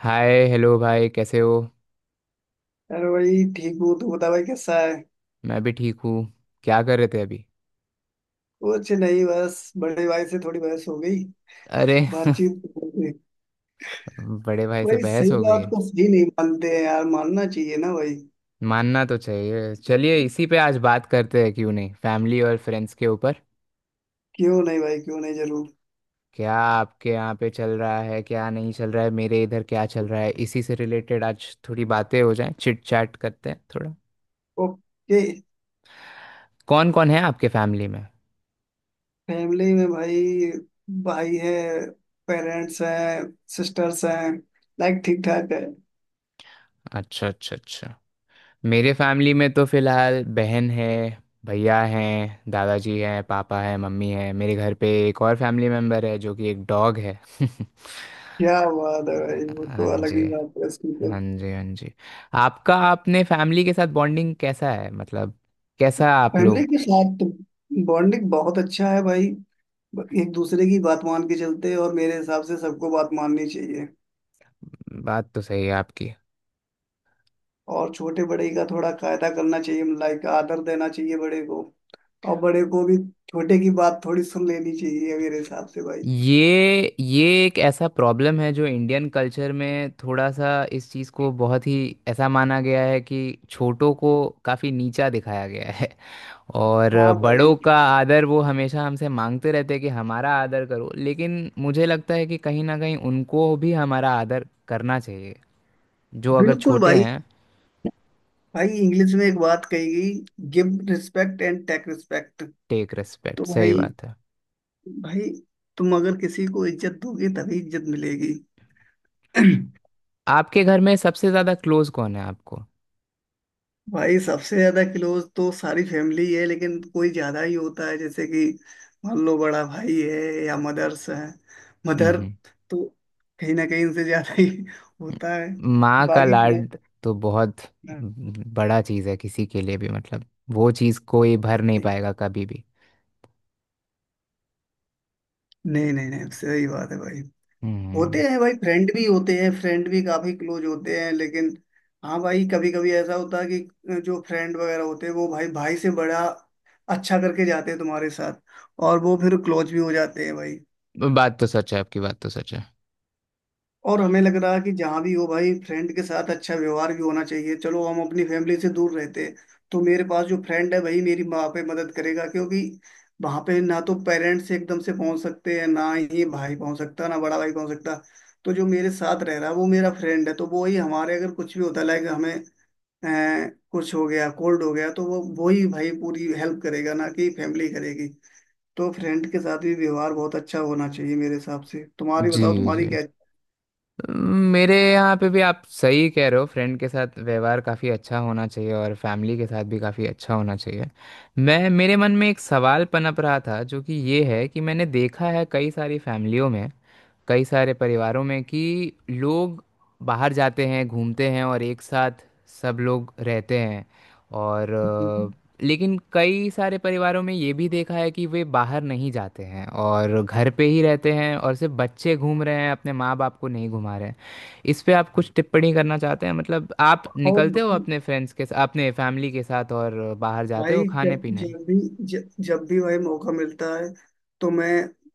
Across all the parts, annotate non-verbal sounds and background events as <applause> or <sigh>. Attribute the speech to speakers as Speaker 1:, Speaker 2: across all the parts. Speaker 1: हाय hello भाई, कैसे हो।
Speaker 2: अरे भाई ठीक हूँ। तू बता भाई कैसा है।
Speaker 1: मैं भी ठीक हूँ। क्या कर रहे थे अभी?
Speaker 2: कुछ नहीं, बस बड़े भाई से थोड़ी बहस हो गई,
Speaker 1: अरे <laughs>
Speaker 2: बातचीत हो गई।
Speaker 1: बड़े भाई से
Speaker 2: भाई
Speaker 1: बहस
Speaker 2: सही
Speaker 1: हो गई
Speaker 2: बात
Speaker 1: है?
Speaker 2: को सही नहीं मानते हैं यार, मानना चाहिए ना भाई।
Speaker 1: मानना तो चाहिए। चलिए इसी पे आज बात करते हैं, क्यों नहीं, फैमिली और फ्रेंड्स के ऊपर।
Speaker 2: क्यों नहीं भाई, क्यों नहीं, जरूर।
Speaker 1: क्या आपके यहाँ पे चल रहा है, क्या नहीं चल रहा है, मेरे इधर क्या चल रहा है, इसी से रिलेटेड आज थोड़ी बातें हो जाएं, चिट चैट करते हैं थोड़ा।
Speaker 2: ओके।
Speaker 1: कौन कौन है आपके फैमिली में?
Speaker 2: फैमिली में भाई, भाई है, पेरेंट्स हैं, सिस्टर्स हैं। लाइक ठीक ठाक है।
Speaker 1: अच्छा अच्छा अच्छा। मेरे फैमिली में तो फिलहाल बहन है, भैया हैं, दादाजी हैं, पापा हैं, मम्मी हैं। मेरे घर पे एक और फैमिली मेम्बर है जो कि एक डॉग है <laughs>
Speaker 2: क्या बात है भाई, वो तो
Speaker 1: हाँ
Speaker 2: अलग
Speaker 1: जी,
Speaker 2: ही बात है उसकी तो।
Speaker 1: हाँ जी, हाँ जी। आपका, आपने फैमिली के साथ बॉन्डिंग कैसा है, मतलब कैसा आप
Speaker 2: फैमिली
Speaker 1: लोग।
Speaker 2: के साथ तो बॉन्डिंग बहुत अच्छा है भाई। एक दूसरे की बात मान के चलते हैं और मेरे हिसाब से सबको बात माननी चाहिए।
Speaker 1: बात तो सही है आपकी।
Speaker 2: और छोटे बड़े का थोड़ा कायदा करना चाहिए, लाइक आदर देना चाहिए बड़े को। और बड़े को भी छोटे की बात थोड़ी सुन लेनी चाहिए मेरे हिसाब से भाई।
Speaker 1: ये एक ऐसा प्रॉब्लम है जो इंडियन कल्चर में थोड़ा सा इस चीज़ को बहुत ही ऐसा माना गया है कि छोटों को काफ़ी नीचा दिखाया गया है। और
Speaker 2: हाँ
Speaker 1: बड़ों
Speaker 2: भाई।
Speaker 1: का आदर वो हमेशा हमसे मांगते रहते हैं कि हमारा आदर करो, लेकिन मुझे लगता है कि कहीं ना कहीं उनको भी हमारा आदर करना चाहिए जो अगर
Speaker 2: बिल्कुल
Speaker 1: छोटे
Speaker 2: भाई।
Speaker 1: हैं।
Speaker 2: भाई इंग्लिश में एक बात कही गई, give respect and take respect.
Speaker 1: Take
Speaker 2: तो
Speaker 1: रिस्पेक्ट, सही
Speaker 2: भाई,
Speaker 1: बात है।
Speaker 2: भाई तुम अगर किसी को इज्जत दोगे तभी इज्जत मिलेगी। <clears throat>
Speaker 1: आपके घर में सबसे ज़्यादा क्लोज कौन है आपको?
Speaker 2: भाई सबसे ज्यादा क्लोज तो सारी फैमिली है, लेकिन कोई ज्यादा ही होता है, जैसे कि मान लो बड़ा भाई है या मदर्स है, मदर।
Speaker 1: हम्म।
Speaker 2: तो कहीं ना कहीं इनसे ज्यादा ही होता है।
Speaker 1: माँ का
Speaker 2: बाकी क्लोज
Speaker 1: लाड तो बहुत बड़ा चीज़ है किसी के लिए भी, मतलब वो चीज़ कोई भर नहीं पाएगा कभी भी।
Speaker 2: नहीं नहीं नहीं नहीं, सही बात है भाई। होते
Speaker 1: हम्म।
Speaker 2: हैं भाई, फ्रेंड भी होते हैं, फ्रेंड भी काफी क्लोज होते हैं, लेकिन हाँ भाई कभी कभी ऐसा होता है कि जो फ्रेंड वगैरह होते हैं वो भाई भाई से बड़ा अच्छा करके जाते हैं तुम्हारे साथ और वो फिर क्लोज भी हो जाते हैं भाई।
Speaker 1: बात तो सच है आपकी, बात तो सच है।
Speaker 2: और हमें लग रहा है कि जहाँ भी हो भाई, फ्रेंड के साथ अच्छा व्यवहार भी होना चाहिए। चलो हम अपनी फैमिली से दूर रहते हैं, तो मेरे पास जो फ्रेंड है वही मेरी वहाँ पे मदद करेगा, क्योंकि वहाँ पे ना तो पेरेंट्स एकदम से पहुँच सकते हैं ना ही भाई पहुँच सकता, ना बड़ा भाई पहुँच सकता। तो जो मेरे साथ रह रहा है वो मेरा फ्रेंड है, तो वो ही हमारे अगर कुछ भी होता लाइक हमें अ, कुछ हो गया, कोल्ड हो गया, तो वो ही भाई पूरी हेल्प करेगा, ना कि फैमिली करेगी। तो फ्रेंड के साथ भी व्यवहार बहुत अच्छा होना चाहिए मेरे हिसाब से। तुम्हारी
Speaker 1: जी।
Speaker 2: बताओ, तुम्हारी
Speaker 1: जी।
Speaker 2: क्या।
Speaker 1: मेरे यहाँ पे भी आप सही कह रहे हो, फ्रेंड के साथ व्यवहार काफ़ी अच्छा होना चाहिए और फैमिली के साथ भी काफ़ी अच्छा होना चाहिए। मैं मेरे मन में एक सवाल पनप रहा था जो कि ये है कि मैंने देखा है कई सारी फैमिलियों में, कई सारे परिवारों में कि लोग बाहर जाते हैं, घूमते हैं और एक साथ सब लोग रहते हैं। और
Speaker 2: हम्म।
Speaker 1: लेकिन कई सारे परिवारों में ये भी देखा है कि वे बाहर नहीं जाते हैं और घर पे ही रहते हैं और सिर्फ बच्चे घूम रहे हैं, अपने माँ बाप को नहीं घुमा रहे हैं। इस पे आप कुछ टिप्पणी करना चाहते हैं? मतलब आप
Speaker 2: और
Speaker 1: निकलते हो
Speaker 2: भाई,
Speaker 1: अपने फ्रेंड्स के साथ, अपने फैमिली के साथ और बाहर जाते हो खाने
Speaker 2: जब
Speaker 1: पीने।
Speaker 2: जब भी, जब जब भी भाई मौका मिलता है तो मैं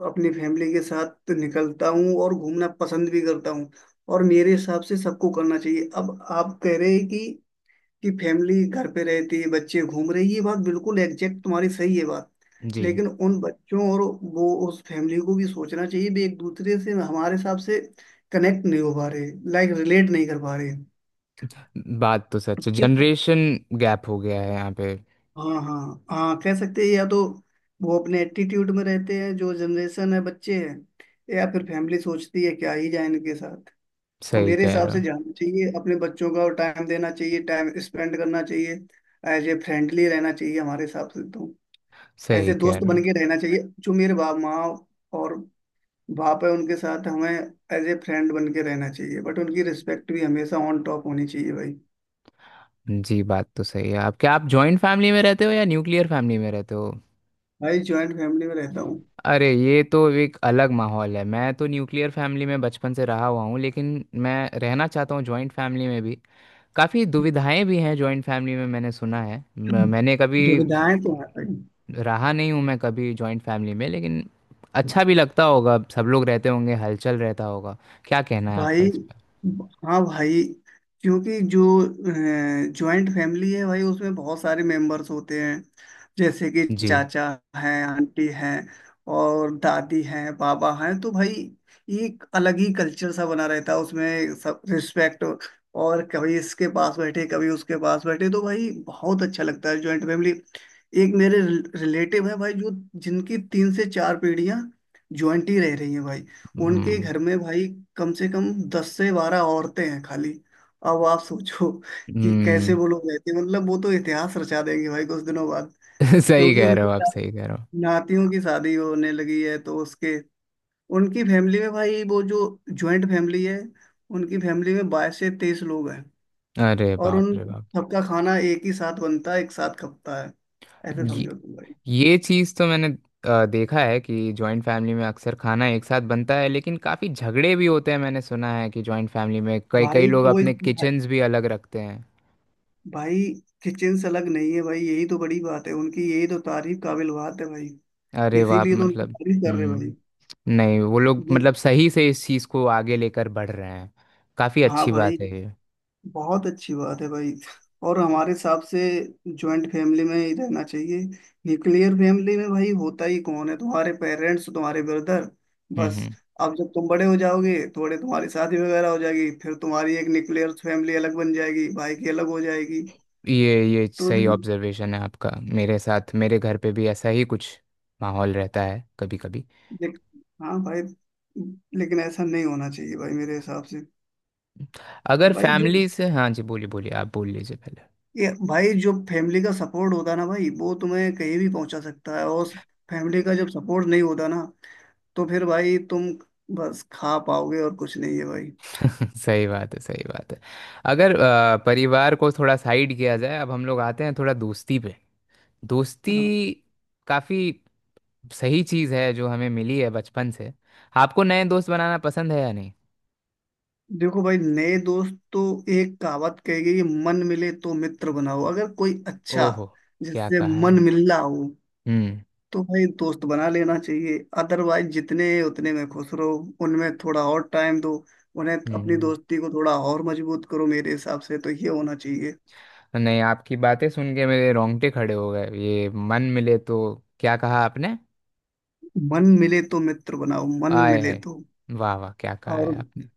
Speaker 2: अपनी फैमिली के साथ निकलता हूँ और घूमना पसंद भी करता हूँ। और मेरे हिसाब से सबको करना चाहिए। अब आप कह रहे हैं कि फैमिली घर पे रहती है, बच्चे घूम रहे हैं, ये बात बिल्कुल एग्जैक्ट तुम्हारी सही है बात।
Speaker 1: जी,
Speaker 2: लेकिन उन बच्चों और वो उस फैमिली को भी सोचना चाहिए भी, एक दूसरे से हमारे हिसाब से कनेक्ट नहीं हो पा रहे, लाइक रिलेट नहीं कर पा रहे।
Speaker 1: बात तो सच है।
Speaker 2: क्यों?
Speaker 1: जनरेशन गैप हो गया है यहाँ पे।
Speaker 2: हाँ हाँ। हाँ, कह सकते हैं। या तो वो अपने एटीट्यूड में रहते हैं जो जनरेशन है, बच्चे हैं, या फिर फैमिली सोचती है क्या ही जाए इनके साथ। और
Speaker 1: सही
Speaker 2: मेरे
Speaker 1: कह
Speaker 2: हिसाब
Speaker 1: रहे हो,
Speaker 2: से जाना चाहिए, अपने बच्चों का टाइम देना चाहिए, टाइम स्पेंड करना चाहिए, एज ए फ्रेंडली रहना चाहिए हमारे हिसाब से तो। ऐसे
Speaker 1: सही कह
Speaker 2: दोस्त
Speaker 1: रहे
Speaker 2: बन
Speaker 1: हो।
Speaker 2: के रहना चाहिए, जो मेरे बाप माँ और बाप है उनके साथ हमें एज ए फ्रेंड बन के रहना चाहिए, बट उनकी रिस्पेक्ट भी हमेशा ऑन टॉप होनी चाहिए भाई।
Speaker 1: जी, बात तो सही है आप। क्या आप जॉइंट फैमिली में रहते हो या न्यूक्लियर फैमिली में रहते हो?
Speaker 2: भाई ज्वाइंट फैमिली में रहता हूँ।
Speaker 1: अरे ये तो एक अलग माहौल है। मैं तो न्यूक्लियर फैमिली में बचपन से रहा हुआ हूँ, लेकिन मैं रहना चाहता हूँ जॉइंट फैमिली में भी। काफ़ी
Speaker 2: <clears throat>
Speaker 1: दुविधाएं भी हैं जॉइंट फैमिली में, मैंने सुना है। मैंने कभी
Speaker 2: दुविधाएं तो है भाई।
Speaker 1: रहा नहीं हूँ मैं कभी जॉइंट फैमिली में, लेकिन अच्छा भी लगता होगा, सब लोग रहते होंगे, हलचल रहता होगा। क्या कहना है आपका
Speaker 2: भाई
Speaker 1: इस पर?
Speaker 2: हाँ भाई, क्योंकि जो जॉइंट फैमिली है भाई उसमें बहुत सारे मेंबर्स होते हैं, जैसे कि
Speaker 1: जी।
Speaker 2: चाचा हैं, आंटी हैं और दादी हैं, बाबा हैं। तो भाई एक अलग ही कल्चर सा बना रहता है उसमें, सब रिस्पेक्ट। और कभी इसके पास बैठे कभी उसके पास बैठे, तो भाई बहुत अच्छा लगता है जॉइंट फैमिली। एक मेरे रिलेटिव है भाई जो, जिनकी तीन से चार पीढ़ियां जॉइंट ही रह रही हैं भाई। उनके
Speaker 1: हम्म।
Speaker 2: घर में भाई कम से कम दस से बारह औरतें हैं खाली। अब आप सोचो कि कैसे
Speaker 1: हम्म।
Speaker 2: वो लोग रहते हैं। मतलब वो तो इतिहास रचा देंगे भाई कुछ दिनों बाद,
Speaker 1: <laughs> सही
Speaker 2: क्योंकि
Speaker 1: कह रहे
Speaker 2: उनके
Speaker 1: हो आप,
Speaker 2: साथ
Speaker 1: सही कह रहे हो।
Speaker 2: नातियों की शादी होने लगी है। तो उसके, उनकी फैमिली में भाई वो जो ज्वाइंट फैमिली है, उनकी फैमिली में बाईस से तेईस लोग हैं।
Speaker 1: अरे
Speaker 2: और
Speaker 1: बाप
Speaker 2: उन
Speaker 1: रे
Speaker 2: सबका खाना एक ही साथ बनता है, एक साथ खपता है, ऐसे
Speaker 1: बाप।
Speaker 2: समझो तुम भाई।
Speaker 1: ये चीज़ तो मैंने देखा है कि जॉइंट फैमिली में अक्सर खाना एक साथ बनता है, लेकिन काफ़ी झगड़े भी होते हैं। मैंने सुना है कि जॉइंट फैमिली में कई कई
Speaker 2: भाई
Speaker 1: लोग
Speaker 2: कोई,
Speaker 1: अपने किचन्स भी अलग रखते हैं।
Speaker 2: भाई किचन से अलग नहीं है भाई, यही तो बड़ी बात है उनकी, यही तो तारीफ काबिल बात है भाई।
Speaker 1: अरे वाह,
Speaker 2: इसीलिए तो उनकी
Speaker 1: मतलब।
Speaker 2: तारीफ कर रहे हैं भाई।
Speaker 1: हम्म। नहीं, वो लोग
Speaker 2: नहीं,
Speaker 1: मतलब सही से इस चीज़ को आगे लेकर बढ़ रहे हैं। काफ़ी
Speaker 2: हाँ
Speaker 1: अच्छी
Speaker 2: भाई
Speaker 1: बात है ये।
Speaker 2: बहुत अच्छी बात है भाई। और हमारे हिसाब से ज्वाइंट फैमिली में ही रहना चाहिए। न्यूक्लियर फैमिली में भाई होता ही कौन है, तुम्हारे पेरेंट्स, तुम्हारे ब्रदर,
Speaker 1: हम्म।
Speaker 2: बस।
Speaker 1: हम्म।
Speaker 2: अब जब तुम बड़े हो जाओगे थोड़े, तुम्हारी शादी वगैरह हो जाएगी, फिर तुम्हारी एक न्यूक्लियर फैमिली अलग बन जाएगी, भाई की अलग हो जाएगी।
Speaker 1: ये
Speaker 2: तो
Speaker 1: सही ऑब्जर्वेशन है आपका। मेरे साथ, मेरे घर पे भी ऐसा ही कुछ माहौल रहता है कभी कभी।
Speaker 2: लेक, हाँ भाई, लेकिन ऐसा नहीं होना चाहिए भाई मेरे हिसाब से।
Speaker 1: अगर
Speaker 2: भाई जो
Speaker 1: फैमिली से, हाँ जी बोलिए, बोलिए आप बोल लीजिए पहले।
Speaker 2: ये भाई जो फैमिली का सपोर्ट होता है ना भाई, वो तुम्हें कहीं भी पहुंचा सकता है। और फैमिली का जब सपोर्ट नहीं होता ना, तो फिर भाई तुम बस खा पाओगे और कुछ नहीं है भाई।
Speaker 1: सही बात है, सही बात है। अगर परिवार को थोड़ा साइड किया जाए, अब हम लोग आते हैं थोड़ा दोस्ती पे।
Speaker 2: हाँ।
Speaker 1: दोस्ती काफी सही चीज है जो हमें मिली है बचपन से। आपको नए दोस्त बनाना पसंद है या नहीं?
Speaker 2: देखो भाई नए दोस्त तो, एक कहावत कही गई है, मन मिले तो मित्र बनाओ। अगर कोई अच्छा,
Speaker 1: ओहो, क्या
Speaker 2: जिससे
Speaker 1: कहा
Speaker 2: मन
Speaker 1: है।
Speaker 2: मिल रहा हो,
Speaker 1: हम्म।
Speaker 2: तो भाई दोस्त बना लेना चाहिए। अदरवाइज जितने हैं, उतने में खुश रहो, उनमें थोड़ा और टाइम दो, उन्हें अपनी
Speaker 1: हम्म।
Speaker 2: दोस्ती को थोड़ा और मजबूत करो। मेरे हिसाब से तो ये होना चाहिए।
Speaker 1: नहीं, आपकी बातें सुन के मेरे रोंगटे खड़े हो गए। ये मन मिले तो क्या कहा आपने?
Speaker 2: मन मिले तो मित्र बनाओ, मन
Speaker 1: आए
Speaker 2: मिले
Speaker 1: है।
Speaker 2: तो।
Speaker 1: वाह वाह, क्या कहा है
Speaker 2: और
Speaker 1: आपने।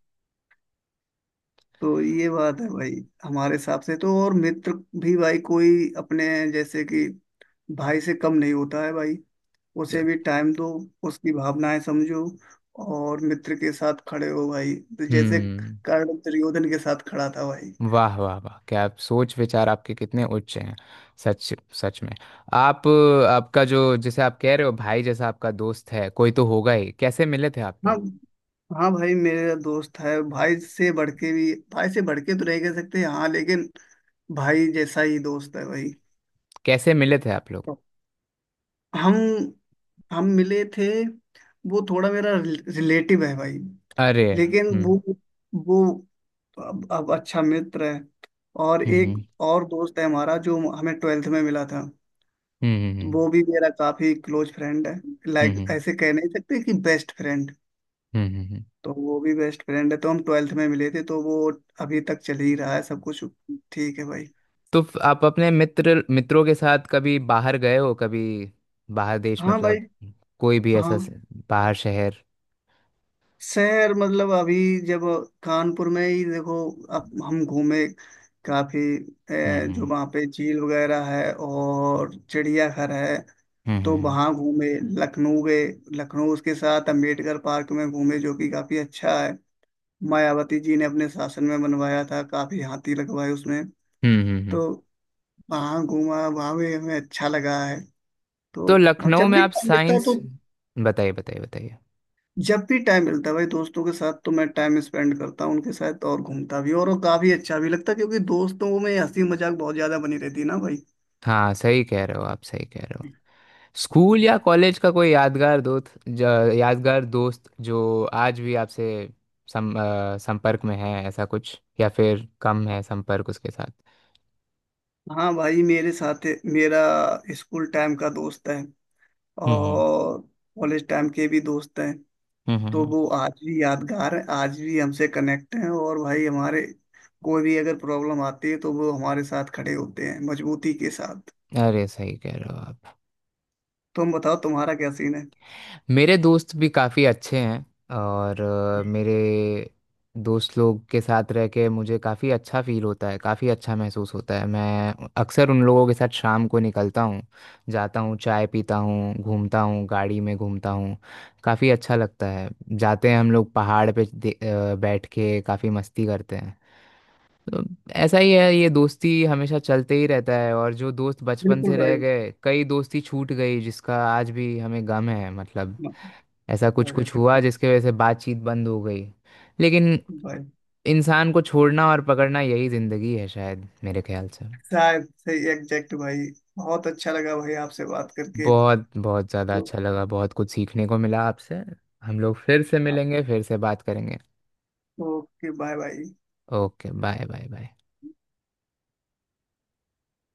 Speaker 2: तो ये बात है भाई हमारे हिसाब से तो। और मित्र भी भाई कोई अपने जैसे कि भाई से कम नहीं होता है भाई, उसे भी टाइम दो, उसकी भावनाएं समझो और मित्र के साथ खड़े हो भाई, तो जैसे
Speaker 1: हम्म।
Speaker 2: कर्ण दुर्योधन के साथ खड़ा था भाई।
Speaker 1: वाह वाह वाह, क्या आप सोच विचार आपके कितने उच्च हैं। सच, सच में। आप, आपका जो, जैसे आप कह रहे हो भाई जैसा आपका दोस्त है, कोई तो होगा ही, कैसे मिले थे आप
Speaker 2: हाँ।
Speaker 1: लोग?
Speaker 2: हाँ भाई मेरा दोस्त है भाई से बढ़ के, भी भाई से बढ़ के तो नहीं कह सकते हैं, हाँ लेकिन भाई जैसा ही दोस्त है भाई।
Speaker 1: कैसे मिले थे आप लोग?
Speaker 2: तो हम हम मिले थे, वो थोड़ा मेरा रिलेटिव है भाई,
Speaker 1: अरे।
Speaker 2: लेकिन
Speaker 1: हम्म।
Speaker 2: वो अब अच्छा मित्र है। और
Speaker 1: हम्म। हम्म।
Speaker 2: एक और दोस्त है हमारा जो हमें ट्वेल्थ में मिला था,
Speaker 1: हम्म। हम्म।
Speaker 2: वो भी मेरा काफी क्लोज फ्रेंड है। लाइक
Speaker 1: हम्म।
Speaker 2: ऐसे कह नहीं सकते कि बेस्ट फ्रेंड,
Speaker 1: हम्म, हम्म, हम्म।
Speaker 2: तो वो भी बेस्ट फ्रेंड है। तो हम ट्वेल्थ में मिले थे, तो वो अभी तक चल ही रहा है सब कुछ, ठीक है भाई।
Speaker 1: तो आप अपने मित्र, मित्रों के साथ कभी बाहर गए हो कभी, बाहर देश
Speaker 2: हाँ भाई।
Speaker 1: मतलब, कोई भी
Speaker 2: हाँ।
Speaker 1: ऐसा बाहर शहर।
Speaker 2: शहर मतलब अभी जब कानपुर में ही देखो, अब हम घूमे काफी।
Speaker 1: हम्म।
Speaker 2: जो वहाँ पे झील वगैरह है और चिड़ियाघर है, तो
Speaker 1: हम्म।
Speaker 2: वहाँ घूमे। लखनऊ गए, लखनऊ उसके साथ अम्बेडकर पार्क में घूमे, जो कि काफी अच्छा है। मायावती जी ने अपने शासन में बनवाया था, काफी हाथी लगवाए उसमें।
Speaker 1: हम्म, हम्म, हम्म।
Speaker 2: तो वहाँ घूमा, वहाँ भी हमें अच्छा लगा है। तो
Speaker 1: तो
Speaker 2: और
Speaker 1: लखनऊ
Speaker 2: जब
Speaker 1: में
Speaker 2: भी
Speaker 1: आप
Speaker 2: टाइम मिलता है
Speaker 1: साइंस।
Speaker 2: तो,
Speaker 1: बताइए, बताइए, बताइए।
Speaker 2: जब भी टाइम मिलता है भाई दोस्तों के साथ, तो मैं टाइम स्पेंड करता हूँ उनके साथ और घूमता भी, और वो काफी अच्छा भी लगता है, क्योंकि दोस्तों में हंसी मजाक बहुत ज्यादा बनी रहती है ना भाई।
Speaker 1: हाँ, सही कह रहे हो आप, सही कह रहे हो। स्कूल या कॉलेज का कोई यादगार दोस्त, यादगार दोस्त जो आज भी आपसे सम, संपर्क में है, ऐसा कुछ? या फिर कम है संपर्क उसके साथ।
Speaker 2: हाँ भाई मेरे साथ मेरा स्कूल टाइम का दोस्त है
Speaker 1: हम्म।
Speaker 2: और कॉलेज टाइम के भी दोस्त हैं।
Speaker 1: हम्म
Speaker 2: तो
Speaker 1: हम्म,
Speaker 2: वो आज भी यादगार है, आज भी हमसे कनेक्ट हैं और भाई हमारे कोई भी अगर प्रॉब्लम आती है तो वो हमारे साथ खड़े होते हैं मजबूती के साथ।
Speaker 1: अरे, सही कह रहे हो आप।
Speaker 2: तुम बताओ तुम्हारा क्या सीन है।
Speaker 1: मेरे दोस्त भी काफ़ी अच्छे हैं। और मेरे दोस्त लोग के साथ रह के मुझे काफ़ी अच्छा फील होता है, काफ़ी अच्छा महसूस होता है। मैं अक्सर उन लोगों के साथ शाम को निकलता हूँ, जाता हूँ, चाय पीता हूँ, घूमता हूँ, गाड़ी में घूमता हूँ, काफ़ी अच्छा लगता है। जाते हैं हम लोग पहाड़ पे बैठ के काफ़ी मस्ती करते हैं। तो ऐसा ही है, ये दोस्ती हमेशा चलते ही रहता है। और जो दोस्त बचपन
Speaker 2: बिल्कुल
Speaker 1: से
Speaker 2: भाई।
Speaker 1: रह गए, कई दोस्ती छूट गई जिसका आज भी हमें गम है, मतलब
Speaker 2: म-
Speaker 1: ऐसा कुछ
Speaker 2: क्या कह
Speaker 1: कुछ
Speaker 2: सकते
Speaker 1: हुआ जिसके वजह से बातचीत बंद हो गई। लेकिन
Speaker 2: हैं। भाई
Speaker 1: इंसान को छोड़ना और पकड़ना यही ज़िंदगी है, शायद मेरे ख्याल से।
Speaker 2: शायद सही एग्जैक्ट भाई। बहुत अच्छा लगा भाई आपसे बात करके।
Speaker 1: बहुत बहुत ज़्यादा
Speaker 2: तो,
Speaker 1: अच्छा लगा, बहुत कुछ सीखने को मिला आपसे। हम लोग फिर से मिलेंगे, फिर से बात करेंगे।
Speaker 2: Okay bye bye.
Speaker 1: Okay bye bye bye.